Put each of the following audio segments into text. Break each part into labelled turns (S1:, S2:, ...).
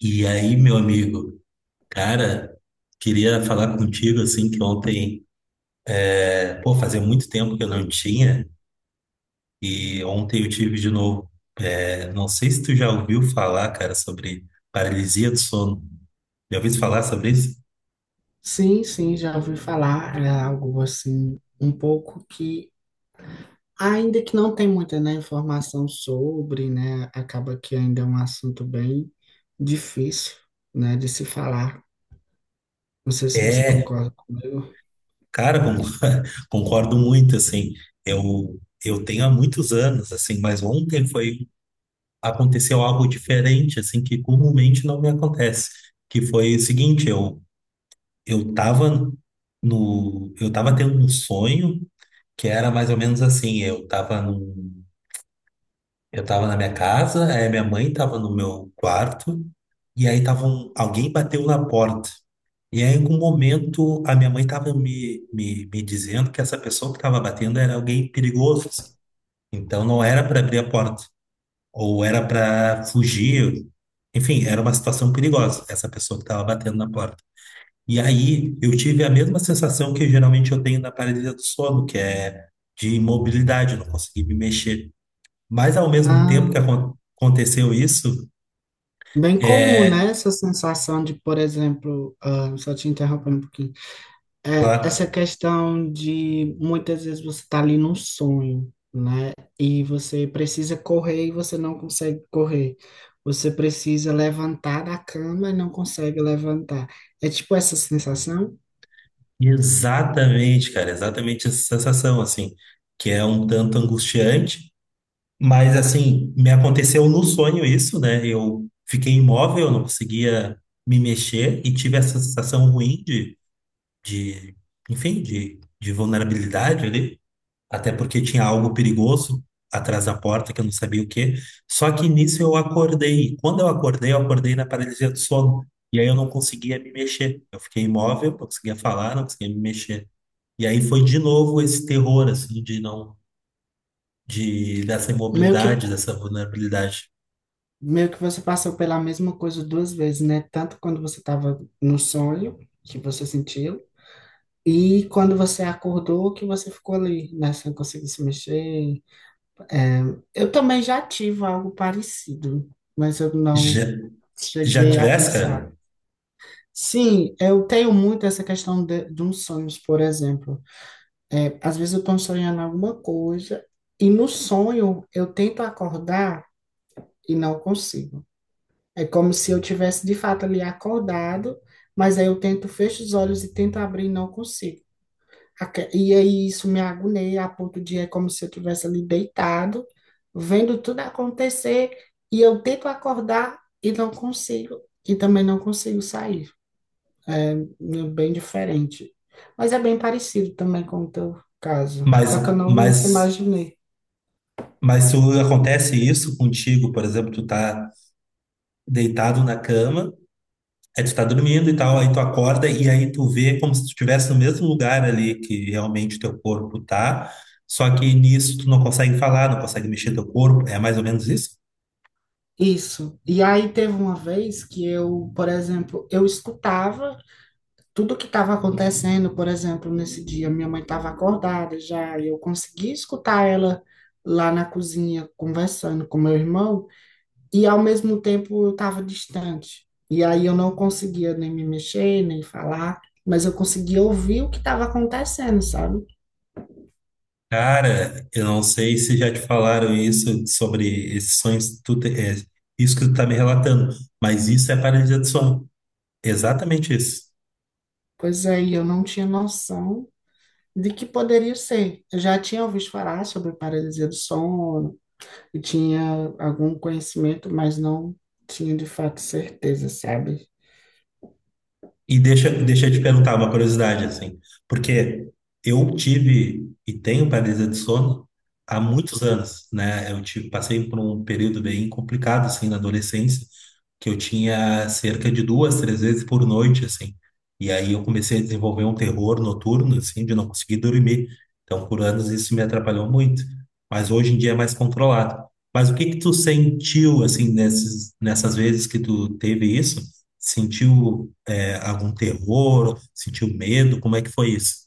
S1: E aí, meu amigo, cara, queria falar contigo assim que ontem, pô, fazia muito tempo que eu não tinha, e ontem eu tive de novo. É, não sei se tu já ouviu falar, cara, sobre paralisia do sono. Já ouviu falar sobre isso?
S2: Sim, sim, já ouvi falar. É algo assim, um pouco que, ainda que não tem muita, né, informação sobre, né, acaba que ainda é um assunto bem difícil, né, de se falar. Não sei se você
S1: É,
S2: concorda comigo.
S1: cara, con- concordo muito, assim. Eu, eu tenho há muitos anos, assim, mas ontem foi, aconteceu algo diferente, assim, que comumente não me acontece. Que foi o seguinte, eu tava no, eu tava tendo um sonho que era mais ou menos assim, eu tava na minha casa, aí minha mãe tava no meu quarto, e aí alguém bateu na porta. E aí, em algum momento, a minha mãe tava me dizendo que essa pessoa que tava batendo era alguém perigoso, assim. Então não era para abrir a porta, ou era para fugir. Enfim, era uma situação perigosa, essa pessoa que tava batendo na porta. E aí eu tive a mesma sensação que geralmente eu tenho na paralisia do sono, que é de imobilidade, eu não consegui me mexer. Mas ao mesmo tempo
S2: Ah,
S1: que aconteceu isso,
S2: bem comum, né,
S1: é
S2: essa sensação de, por exemplo, ah, só te interrompendo um pouquinho. É, essa
S1: claro,
S2: questão de muitas vezes você tá ali num sonho, né? E você precisa correr e você não consegue correr. Você precisa levantar da cama e não consegue levantar. É tipo essa sensação,
S1: exatamente, cara, exatamente essa sensação, assim, que é um tanto angustiante, mas assim, me aconteceu no sonho isso, né? Eu fiquei imóvel, eu não conseguia me mexer e tive essa sensação ruim de enfim, de vulnerabilidade ali. Até porque tinha algo perigoso atrás da porta, que eu não sabia o quê. Só que nisso eu acordei. E quando eu acordei na paralisia do sono. E aí eu não conseguia me mexer. Eu fiquei imóvel, não conseguia falar, não conseguia me mexer. E aí foi de novo esse terror, assim, de não, de, dessa
S2: meio que
S1: imobilidade, dessa vulnerabilidade.
S2: meio que você passou pela mesma coisa duas vezes, né? Tanto quando você estava no sonho, que você sentiu, e quando você acordou, que você ficou ali, né? Sem conseguir se mexer. É, eu também já tive algo parecido, mas eu não
S1: Já, já
S2: cheguei a
S1: tivesse,
S2: pensar.
S1: cara?
S2: Sim, eu tenho muito essa questão de uns sonhos, por exemplo. É, às vezes eu estou sonhando alguma coisa e no sonho eu tento acordar e não consigo. É como se eu tivesse de fato ali acordado, mas aí eu tento, fecho os olhos e tento abrir e não consigo. E aí isso me agonia a ponto de é como se eu tivesse ali deitado, vendo tudo acontecer, e eu tento acordar e não consigo, e também não consigo sair. É bem diferente. Mas é bem parecido também com o teu caso,
S1: Mas,
S2: só que eu não nunca
S1: mas,
S2: imaginei.
S1: mas se acontece isso contigo, por exemplo, tu tá deitado na cama. Aí tu tá dormindo e tal, aí tu acorda e aí tu vê como se tu estivesse no mesmo lugar ali que realmente teu corpo tá, só que nisso tu não consegue falar, não consegue mexer teu corpo, é mais ou menos isso?
S2: Isso. E aí teve uma vez que eu, por exemplo, eu escutava tudo que estava acontecendo, por exemplo, nesse dia, minha mãe estava acordada já, e eu consegui escutar ela lá na cozinha conversando com meu irmão, e ao mesmo tempo eu estava distante. E aí eu não conseguia nem me mexer, nem falar, mas eu conseguia ouvir o que estava acontecendo, sabe?
S1: Cara, eu não sei se já te falaram isso sobre esses sonhos, que tu te- é, isso que tu tá me relatando, mas isso é paralisia do sono, exatamente isso.
S2: Pois aí eu não tinha noção de que poderia ser. Eu já tinha ouvido falar sobre paralisia do sono, e tinha algum conhecimento, mas não tinha de fato certeza, sabe?
S1: E deixa eu te perguntar uma curiosidade, assim, porque eu tive e tenho paralisia de sono há muitos anos, né? Eu tive, passei por um período bem complicado, assim, na adolescência, que eu tinha cerca de duas, três vezes por noite, assim. E aí eu comecei a desenvolver um terror noturno, assim, de não conseguir dormir. Então, por anos isso me atrapalhou muito, mas hoje em dia é mais controlado. Mas o que que tu sentiu, assim, nessas vezes que tu teve isso? Sentiu algum terror? Sentiu medo? Como é que foi isso?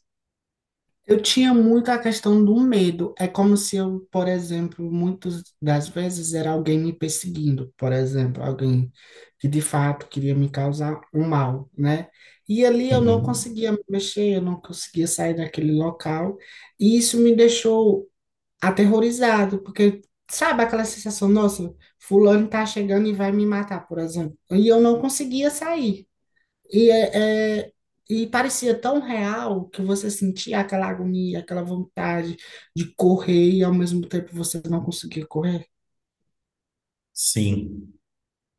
S2: Eu tinha muito a questão do medo. É como se eu, por exemplo, muitas das vezes era alguém me perseguindo, por exemplo, alguém que de fato queria me causar um mal, né? E ali eu não
S1: Uhum.
S2: conseguia me mexer, eu não conseguia sair daquele local, e isso me deixou aterrorizado, porque sabe aquela sensação, nossa, fulano tá chegando e vai me matar, por exemplo, e eu não conseguia sair. E, e parecia tão real que você sentia aquela agonia, aquela vontade de correr e ao mesmo tempo você não conseguia correr.
S1: Sim,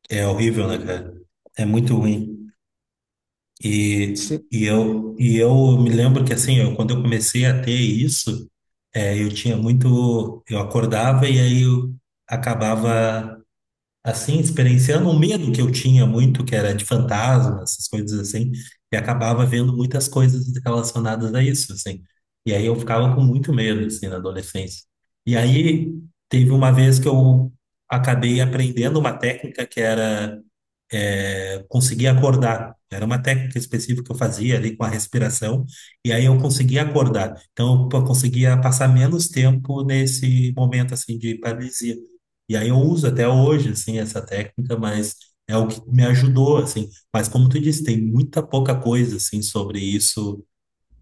S1: é horrível, né, cara? É muito ruim. E,
S2: Você-
S1: eu, e eu me lembro que, assim, eu, quando eu comecei a ter isso, é, eu tinha muito. Eu acordava e aí eu acabava. Assim, experienciando um medo que eu tinha muito, que era de fantasma, essas coisas assim, e acabava vendo muitas coisas relacionadas a isso, assim. E aí eu ficava com muito medo, assim, na adolescência. E aí teve uma vez que eu acabei aprendendo uma técnica que era conseguia acordar. Era uma técnica específica que eu fazia ali com a respiração, e aí eu conseguia acordar. Então, eu conseguia passar menos tempo nesse momento, assim, de paralisia. E aí eu uso até hoje, assim, essa técnica, mas é o que me ajudou, assim. Mas como tu disse, tem muita pouca coisa, assim, sobre isso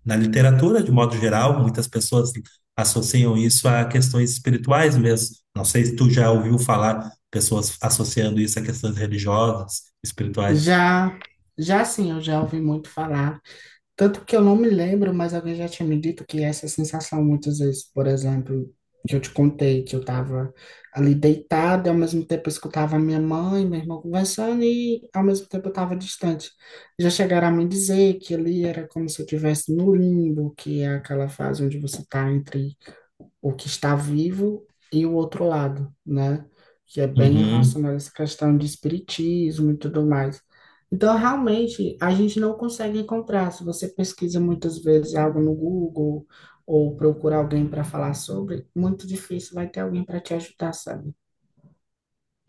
S1: na literatura, de modo geral, muitas pessoas associam isso a questões espirituais mesmo. Não sei se tu já ouviu falar pessoas associando isso a questões religiosas, espirituais.
S2: Já, já sim, eu já ouvi muito falar. Tanto que eu não me lembro, mas alguém já tinha me dito que essa sensação, muitas vezes, por exemplo, que eu te contei, que eu estava ali deitada, e ao mesmo tempo eu escutava a minha mãe, meu irmão conversando, e ao mesmo tempo eu estava distante. Já chegaram a me dizer que ali era como se eu estivesse no limbo, que é aquela fase onde você está entre o que está vivo e o outro lado, né? Que é bem
S1: Uhum.
S2: relacionado a essa questão de espiritismo e tudo mais. Então, realmente, a gente não consegue encontrar. Se você pesquisa muitas vezes algo no Google ou procura alguém para falar sobre, muito difícil vai ter alguém para te ajudar, sabe?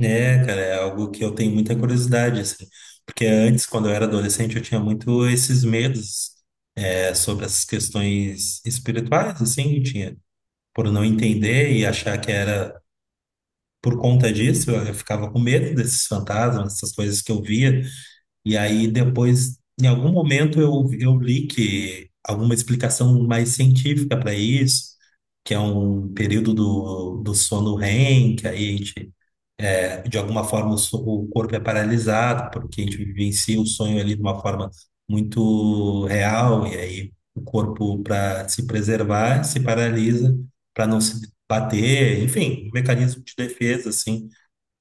S1: É, cara, é algo que eu tenho muita curiosidade, assim. Porque antes, quando eu era adolescente, eu tinha muito esses medos, sobre essas questões espirituais, assim, eu tinha, por não entender e achar que era por conta disso, eu ficava com medo desses fantasmas, essas coisas que eu via. E aí depois, em algum momento, eu li que alguma explicação mais científica para isso, que é um período do sono REM, que aí a gente, de alguma forma, o corpo é paralisado, porque a gente vivencia o sonho ali de uma forma muito real, e aí o corpo, para se preservar, se paralisa para não se bater, enfim, um mecanismo de defesa, assim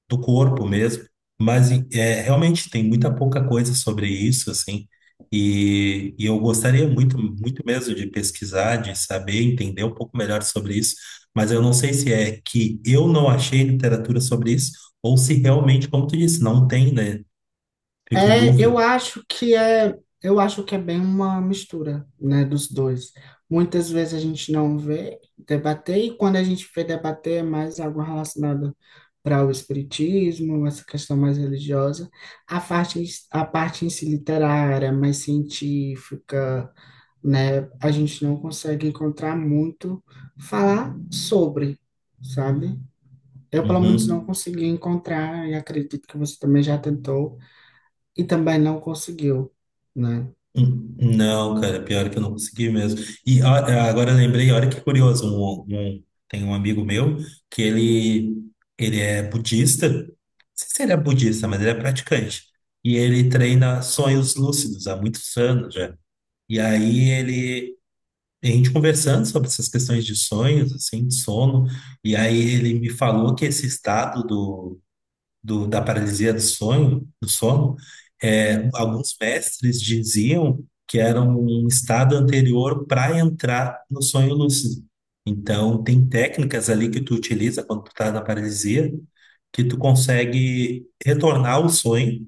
S1: do corpo mesmo, mas é, realmente tem muita pouca coisa sobre isso, assim, e eu gostaria muito, muito mesmo de pesquisar, de saber, entender um pouco melhor sobre isso, mas eu não sei se é que eu não achei literatura sobre isso, ou se realmente, como tu disse, não tem, né? Fico em
S2: É,
S1: dúvida.
S2: eu acho que é bem uma mistura, né, dos dois. Muitas vezes a gente não vê debater e quando a gente vê debater é mais algo relacionado para o espiritismo, essa questão mais religiosa, a parte a parte em si literária, mais científica, né, a gente não consegue encontrar muito falar sobre, sabe? Eu pelo menos não
S1: Uhum.
S2: consegui encontrar e acredito que você também já tentou e também não conseguiu, né?
S1: Não, cara, pior que eu não consegui mesmo. E ó, é, agora eu lembrei, olha que curioso, tem um amigo meu que ele, ele é budista, não sei se ele é budista, mas ele é praticante, e ele treina sonhos lúcidos há muitos anos já. E aí ele, a gente conversando sobre essas questões de sonhos, assim, de sono, e aí ele me falou que esse estado da paralisia do sonho, do sono, é, alguns mestres diziam que era um estado anterior para entrar no sonho lúcido. Então, tem técnicas ali que tu utiliza quando tu tá na paralisia, que tu consegue retornar ao sonho.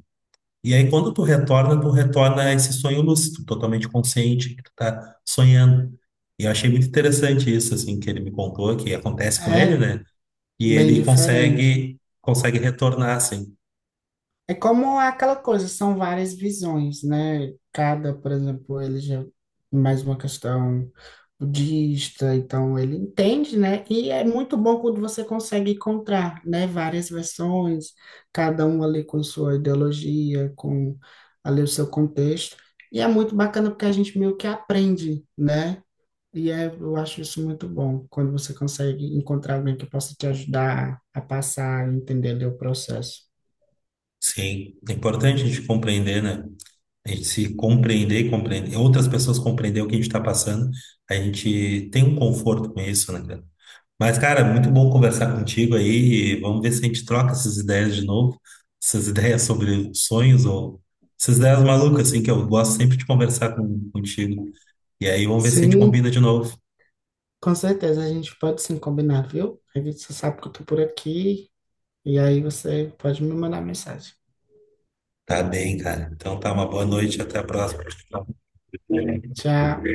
S1: E aí, quando tu retorna a esse sonho lúcido, totalmente consciente que tu tá sonhando. E eu achei muito interessante isso, assim, que ele me contou, que acontece com ele,
S2: É
S1: né? E
S2: bem
S1: ele
S2: diferente.
S1: consegue retornar, assim.
S2: É como aquela coisa, são várias visões, né? Cada, por exemplo, ele já mais uma questão budista, então ele entende, né? E é muito bom quando você consegue encontrar, né, várias versões, cada um ali com sua ideologia, com ali o seu contexto. E é muito bacana porque a gente meio que aprende, né? E é, eu acho isso muito bom, quando você consegue encontrar alguém que possa te ajudar a passar e entender ali o processo.
S1: Sim, é importante a gente compreender, né? A gente se compreender e compreender, outras pessoas compreender o que a gente está passando, a gente tem um conforto com isso, né, cara? Mas, cara, muito bom conversar contigo aí e vamos ver se a gente troca essas ideias de novo, essas ideias sobre sonhos ou essas ideias malucas, assim, que eu gosto sempre de conversar contigo. E aí vamos ver se a gente
S2: Sim,
S1: combina de novo.
S2: com certeza, a gente pode sim combinar, viu? Aí você sabe que eu tô por aqui, e aí você pode me mandar mensagem.
S1: Tá bem, cara. Então tá, uma boa noite, até a próxima.
S2: Tchau.